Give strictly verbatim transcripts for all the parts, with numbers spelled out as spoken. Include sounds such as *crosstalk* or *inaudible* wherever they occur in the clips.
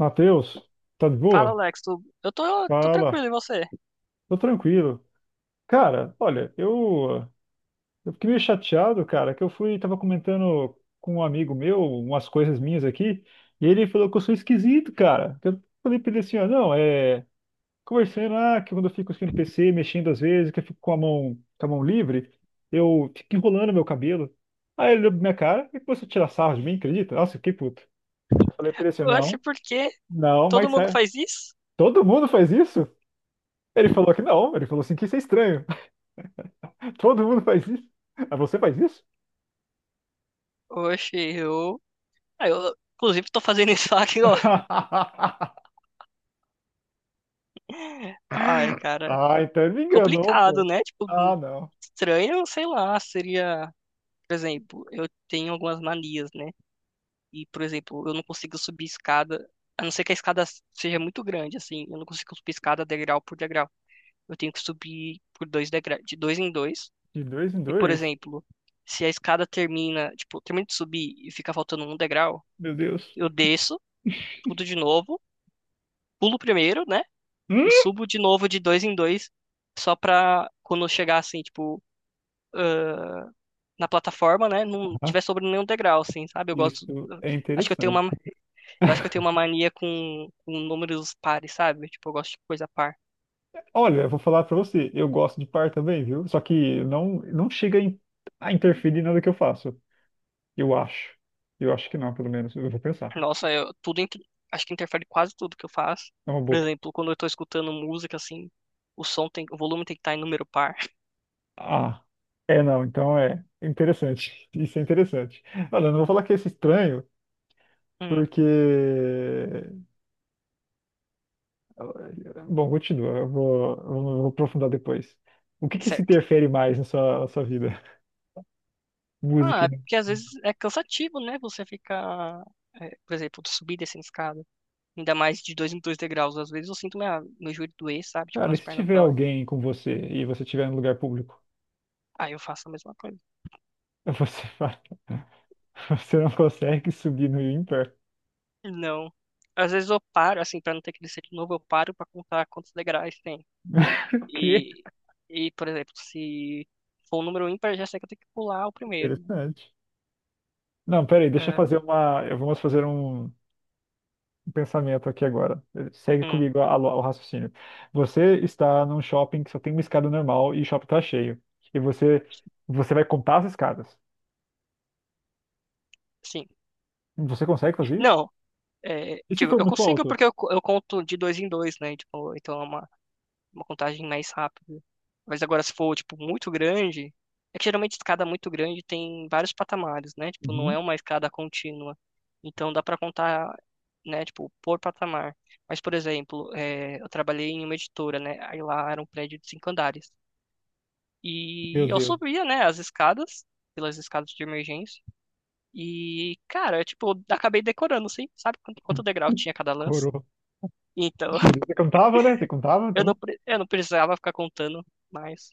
Matheus, tá de Fala, boa? Alex. Tu... Eu tô, tô Fala, tranquilo, e você? tô tranquilo. Cara, olha, eu, eu fiquei meio chateado, cara, que eu fui, tava comentando com um amigo meu umas coisas minhas aqui, e ele falou que eu sou esquisito, cara. Eu falei pra ele assim, ó, não, é, conversando, ah, que quando eu fico aqui no P C, mexendo às vezes, que eu fico com a mão, com a mão livre, eu fico enrolando meu cabelo. Aí ele olhou pra minha cara e começou a tirar sarro de mim, acredita? Nossa, eu fiquei puto. Eu falei pra ele assim, Oxe, não, por quê? não, Todo mas mundo sério, faz isso? todo mundo faz isso? Ele falou que não, ele falou assim que isso é estranho. *laughs* Todo mundo faz isso. Ah, você faz isso? Oxe, eu... Ah, eu... Inclusive, tô fazendo isso *laughs* aqui, ó. *laughs* Ai, cara. Ah, então ele me enganou, Complicado, pô. né? Tipo, hum, Ah, não. estranho, sei lá, seria... Por exemplo, eu tenho algumas manias, né? E, por exemplo, eu não consigo subir escada... A não ser que a escada seja muito grande, assim. Eu não consigo subir escada degrau por degrau. Eu tenho que subir por dois degra... de dois em dois. De dois em E, por dois. exemplo, se a escada termina, tipo, termina de subir e fica faltando um degrau, Meu Deus. eu desço tudo de novo, pulo primeiro, né? E Hum, subo de novo de dois em dois, só pra quando eu chegar, assim, tipo, na plataforma, né? Não Ah, tiver sobrando nenhum degrau, assim, sabe? Eu gosto. isso é Acho que eu tenho interessante. uma, eu acho que eu tenho uma *laughs* mania com, com números pares, sabe? Tipo, eu gosto de coisa par. Olha, eu vou falar pra você, eu gosto de par também, viu? Só que não não chega em- a interferir em nada que eu faço. Eu acho. Eu acho que não, pelo menos. Eu vou pensar. Nossa, eu, tudo, inter- acho que interfere quase tudo que eu faço. É uma Por boa. exemplo, quando eu tô escutando música, assim, o som tem, o volume tem que estar em número par. Ah, é não, então é interessante. *laughs* Isso é interessante. Olha, eu não vou falar que é esse estranho porque. *laughs* eh, Bom, continua, eu vou, eu vou aprofundar depois. O que que se Certo. interfere mais na sua, na sua vida? *laughs* Ah, Música, é né? porque às vezes é cansativo, né? Você ficar, é, por exemplo, subir e descendo escada. Ainda mais de dois em dois degraus. Às vezes eu sinto minha, meu joelho doer, sabe? Tipo, Cara, e minhas se pernas tiver dói. alguém com você e você estiver em lugar público, Aí eu faço a mesma coisa. você vai, *laughs* você não consegue subir no Imper. Não. Às vezes eu paro, assim, pra não ter que descer de novo, eu paro pra contar quantos degraus tem. *laughs* O quê? E, e por exemplo, se for um número ímpar, eu já sei que eu tenho que pular o primeiro, né? Interessante. Não, peraí, deixa eu É. fazer uma. eu- Vamos fazer um, um pensamento aqui agora. Segue Hum. comigo a- a- o raciocínio. Você está num shopping que só tem uma escada normal e o shopping está cheio. E você, você vai contar as escadas. Sim. Você consegue fazer isso? Não, é, E se tipo, for eu muito consigo alto? porque eu, co- eu conto de dois em dois, né? Tipo, então é uma uma contagem mais rápida. Mas agora, se for, tipo, muito grande, é que geralmente escada muito grande tem vários patamares, né? Tipo, não é Uhum. uma escada contínua. Então dá pra contar, né, tipo, por patamar. Mas, por exemplo, é, eu trabalhei em uma editora, né? Aí lá era um prédio de cinco andares. E Meu eu Deus. subia, né, as escadas, pelas escadas de emergência. E, cara, eu, tipo, acabei decorando, assim, sabe quanto, quanto degrau tinha cada lance? Coroa. Então, Tira. *laughs* Você contava, né? Você contava? eu não, Então, pre- eu não precisava ficar contando mais.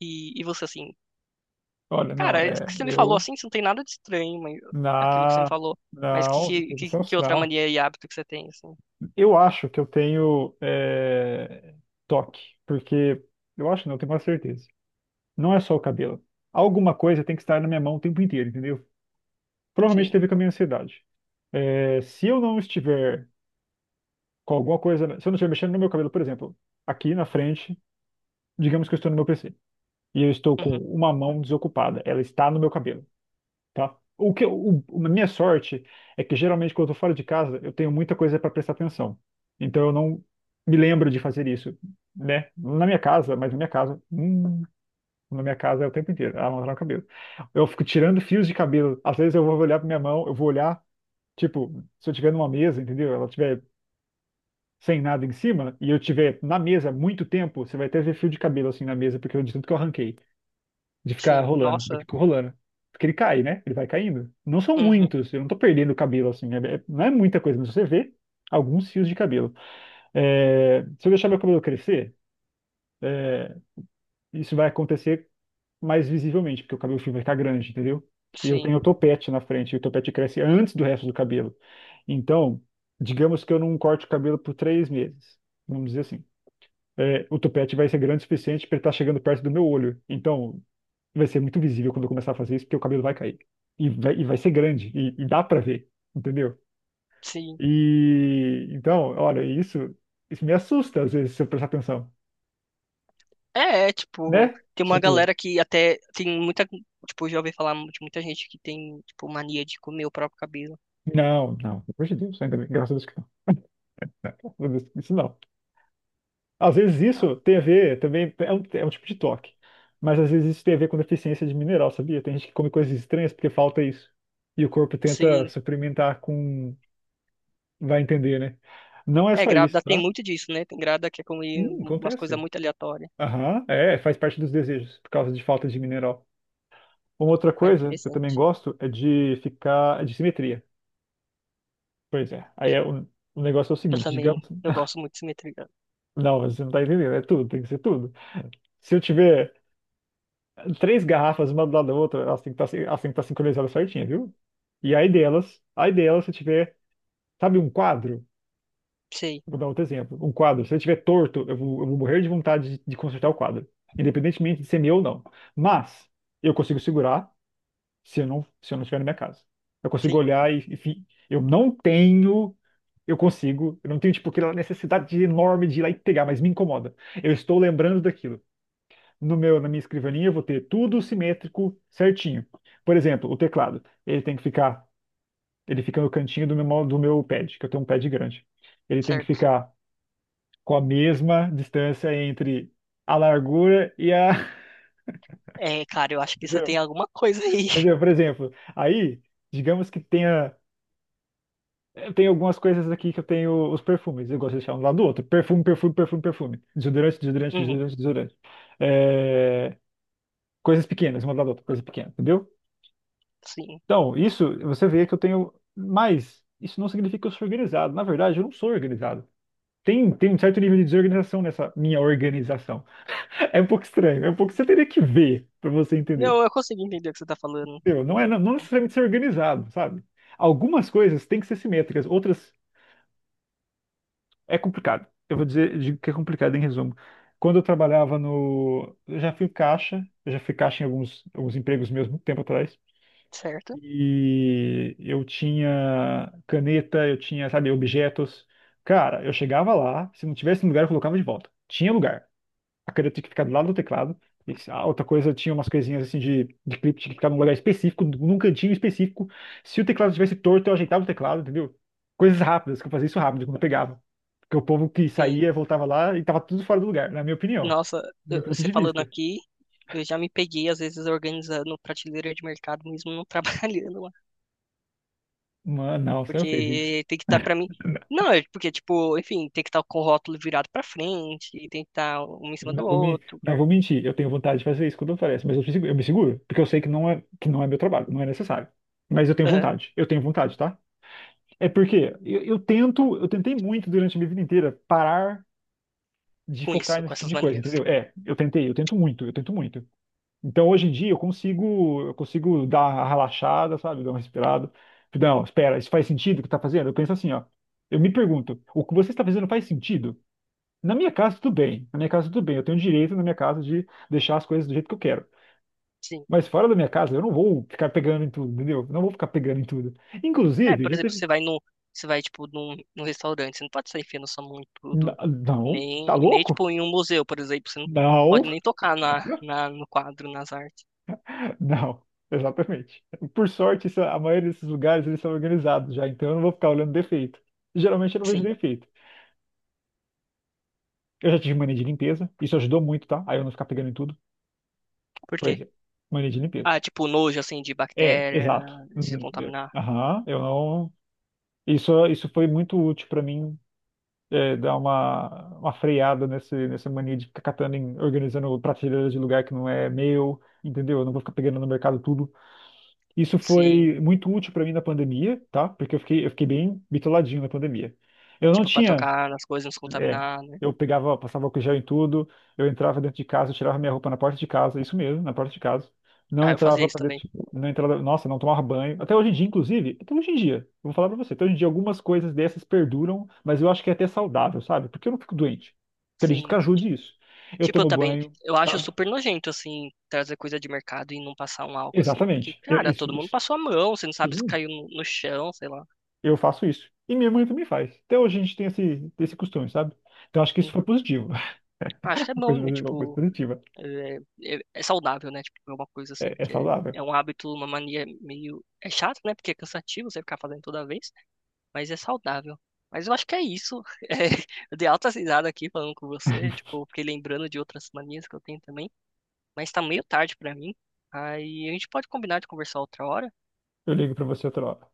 E, e você assim, olha, não, cara, isso é. que você me falou Eu. assim, isso não tem nada de estranho, mas aquilo que você me Na. falou. Mas que, Não, que, isso que é um que outra sinal. mania e hábito que você tem, assim? Eu acho que eu tenho é, toque, porque. Eu acho, não, eu tenho quase certeza. Não é só o cabelo. Alguma coisa tem que estar na minha mão o tempo inteiro, entendeu? Provavelmente Sim. teve com a minha ansiedade. É, se eu não estiver com alguma coisa, se eu não estiver mexendo no meu cabelo, por exemplo, aqui na frente, digamos que eu estou no meu P C e eu estou com Uhum. uma mão desocupada, ela está no meu cabelo, tá? O que, eu- o, a minha sorte é que geralmente quando eu estou fora de casa, eu tenho muita coisa para prestar atenção. Então eu não me lembro de fazer isso, né? Na minha casa, mas na minha casa, hum. Na minha casa é o tempo inteiro, ela amarra no cabelo. Eu fico tirando fios de cabelo. Às vezes eu vou olhar pra minha mão, eu vou olhar, tipo, se eu tiver numa mesa, entendeu? Ela tiver sem nada em cima, e eu tiver na mesa muito tempo, você vai até ver fio de cabelo assim na mesa, porque eu de tanto que eu arranquei, de ficar Sim. rolando. Eu Nossa. fico rolando. Porque ele cai, né? Ele vai caindo. Não são Uhum. muitos, eu não tô perdendo cabelo assim, é- é- não é muita coisa, mas você vê alguns fios de cabelo. É, se eu deixar meu cabelo crescer, é, isso vai acontecer mais visivelmente, porque o cabelo fio vai ficar grande, entendeu? E eu tenho Sim. o topete na frente, e o topete cresce antes do resto do cabelo. Então, digamos que eu não corte o cabelo por três meses, vamos dizer assim. É, o topete vai ser grande o suficiente para ele estar chegando perto do meu olho. Então, vai ser muito visível quando eu começar a fazer isso, porque o cabelo vai cair. E vai, e vai ser grande, e, e dá para ver, entendeu? Sim. E então, olha, isso, isso me assusta às vezes, se eu prestar atenção, É, é, tipo, né? tem uma Tipo, galera que até tem muita, tipo, já ouvi falar de muita gente que tem, tipo, mania de comer o próprio cabelo. não, não, pelo amor de Deus, ainda bem, graças a Deus que não. Não, graças a Deus, isso não. Às vezes isso tem a ver também, é um, é um tipo de toque, mas às vezes isso tem a ver com deficiência de mineral, sabia? Tem gente que come coisas estranhas porque falta isso. E o corpo tenta Sim. suplementar com. Vai entender, né? Não é É, só grávida isso, tem tá? muito disso, né? Tem grávida que é comer Sim, umas coisas acontece. muito aleatórias. Aham, é, faz parte dos desejos, por causa de falta de mineral. Uma outra Ah, coisa que eu também interessante. gosto é de ficar. É de simetria. Pois é. Aí é, o, o negócio é o Eu seguinte, também, digamos. eu *laughs* gosto muito de simetria. Não, mas você não tá entendendo, é tudo, tem que ser tudo. Se eu tiver três garrafas, uma do lado da outra, elas têm que estar, elas têm que estar sincronizadas certinho, viu? E aí delas, aí delas, se tiver, sabe, um quadro, Sei. vou dar outro exemplo, um quadro, se ele tiver torto, eu vou, eu vou morrer de vontade de, de consertar o quadro, independentemente de ser meu ou não. Mas eu consigo segurar se eu não, se eu não estiver na minha casa. Eu consigo Sim. olhar e, enfim, eu não tenho, eu consigo, eu não tenho, tipo, aquela necessidade enorme de ir lá e pegar, mas me incomoda. Eu estou lembrando daquilo no meu, na minha escrivaninha, eu vou ter tudo simétrico, certinho. Por exemplo, o teclado, ele tem que ficar, ele fica no cantinho do meu, mo- do meu pad, que eu tenho um pad grande. Ele tem que Certo. ficar com a mesma distância entre a largura e a, É, cara, eu acho *laughs* que isso entendeu? tem alguma coisa aí. Entendeu? Por *laughs* exemplo, aí, digamos que tenha eu tenho algumas coisas aqui que eu tenho os perfumes, eu gosto de deixar um do lado do outro. Perfume, perfume, perfume, perfume. Desodorante, desodorante, Uhum, desodorante, desodorante. É, coisas pequenas, uma do lado da outra, coisa pequena, entendeu? sim. Então, isso, você vê que eu tenho. Mas isso não significa que eu sou organizado. Na verdade, eu não sou organizado. Tem, tem um certo nível de desorganização nessa minha organização. *laughs* É um pouco estranho, é um pouco. Você teria que ver para você entender. Não, eu consigo entender o que você tá falando. Entendeu? Não é Hum. não não necessariamente ser organizado, sabe? Algumas coisas têm que ser simétricas, outras é complicado. Eu vou dizer, digo que é complicado em resumo. Quando eu trabalhava no. Eu já fui caixa, eu já fui caixa em alguns, alguns empregos meus, muito tempo atrás. Certo? E eu tinha caneta, eu tinha, sabe, objetos. Cara, eu chegava lá, se não tivesse um lugar, eu colocava de volta. Tinha lugar. A caneta tinha que ficar do lado do teclado. E se- a outra coisa, tinha umas coisinhas assim de, de clipe, tinha que ficar num lugar específico, num cantinho específico. Se o teclado estivesse torto, eu ajeitava o teclado, entendeu? Coisas rápidas, que eu fazia isso rápido quando eu pegava. Porque o povo que Sim. saía, voltava lá e tava tudo fora do lugar, na minha opinião, Nossa, do meu eu- ponto você de falando vista. aqui, eu já me peguei, às vezes, organizando prateleira de mercado, mesmo não *laughs* trabalhando lá. Mano, não, você não fez isso. Porque tem que estar tá pra mim. Não, é porque, tipo, enfim, tem que estar com o rótulo virado pra frente, e tem que estar um em cima Não do vou, me, outro, não cara. vou mentir, eu tenho vontade de fazer isso quando aparece, mas eu, me segu- eu me seguro, porque eu sei que não é, que não é meu trabalho, não é necessário. Mas eu tenho Aham, vontade, eu tenho vontade, tá? É porque eu, eu tento, eu tentei muito durante a minha vida inteira parar de com focar isso, com nesse tipo essas de coisa, manias. entendeu? É, eu tentei, eu tento muito, eu tento muito. Então hoje em dia eu consigo, eu consigo dar uma relaxada, sabe? Dar uma respirada. Não, espera, isso faz sentido o que tá fazendo? Eu penso assim, ó. Eu me pergunto, o que você está fazendo faz sentido? Na minha casa, tudo bem. Na minha casa, tudo bem. Eu tenho direito na minha casa de deixar as coisas do jeito que eu quero. Sim. Mas fora da minha casa, eu não vou ficar pegando em tudo, entendeu? Eu não vou ficar pegando em tudo. É, Inclusive, por já exemplo, teve. você vai no, você vai, tipo, num, num restaurante, você não pode sair enfiando sua mão em N- tudo, Não, tá nem, nem, louco? tipo, em um museu, por exemplo, você não Não, pode nem tocar na, na, no quadro, nas artes. *laughs* não. Exatamente. Por sorte, isso- a maioria desses lugares eles são organizados já, então eu não vou ficar olhando defeito. Geralmente eu não vejo Sim. defeito. Eu já tive mania de limpeza, isso ajudou muito, tá? Aí eu não ficar pegando em tudo. Por Por quê? exemplo, mania de limpeza. Ah, tipo, nojo, assim, de É, bactéria, exato. se Uhum, eu- contaminar. Aham, eu não. Isso, isso foi muito útil para mim, é, dar uma, uma freada nesse, nessa mania de ficar catando, em, organizando prateleiras de lugar que não é meu, entendeu? Eu não vou ficar pegando no mercado tudo. Isso Sim. foi muito útil para mim na pandemia, tá? Porque eu fiquei, eu fiquei bem bitoladinho na pandemia. Eu não Tipo, pra tinha tocar nas coisas, não se é, contaminar, né? eu pegava, passava álcool gel em tudo, eu entrava dentro de casa, eu tirava minha roupa na porta de casa, isso mesmo, na porta de casa. Não Ah, eu fazia entrava isso pra dentro, também. de- não entrava, nossa, não tomava banho. Até hoje em dia, inclusive, até hoje em dia, eu vou falar pra você, até hoje em dia algumas coisas dessas perduram, mas eu acho que é até saudável, sabe? Porque eu não fico doente. Acredito que Sim. Ti- ajude isso. Eu Tipo, eu tomo também, banho, eu acho sabe? super nojento, assim, trazer coisa de mercado e não passar um álcool, assim, porque, Exatamente. Eu- cara, isso, todo mundo isso. passou a mão, você não sabe se Sim, caiu no, no chão, sei lá. eu faço isso. E minha mãe também faz. Até hoje a gente tem esse, esse costume, sabe? Então acho que isso foi Uhum. positivo. Acho que *laughs* é Uma coisa, bom, né? uma coisa Tipo, positiva. é, é- é saudável, né? Tipo, é uma coisa assim, é É que é, saudável. é um hábito, uma mania meio. É chato, né? Porque é cansativo você ficar fazendo toda vez, mas é saudável. Mas eu acho que é isso. *laughs* É, eu dei alta risada aqui falando com você, tipo, fiquei lembrando de outras manias que eu tenho também, mas tá meio tarde pra mim. Aí a gente pode combinar de conversar outra hora. Eu ligo para você outra hora.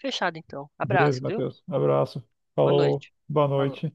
Fechado, então. Beijo, Abraço, viu? Matheus. Abraço. Boa Falou. noite. Boa Falou. noite.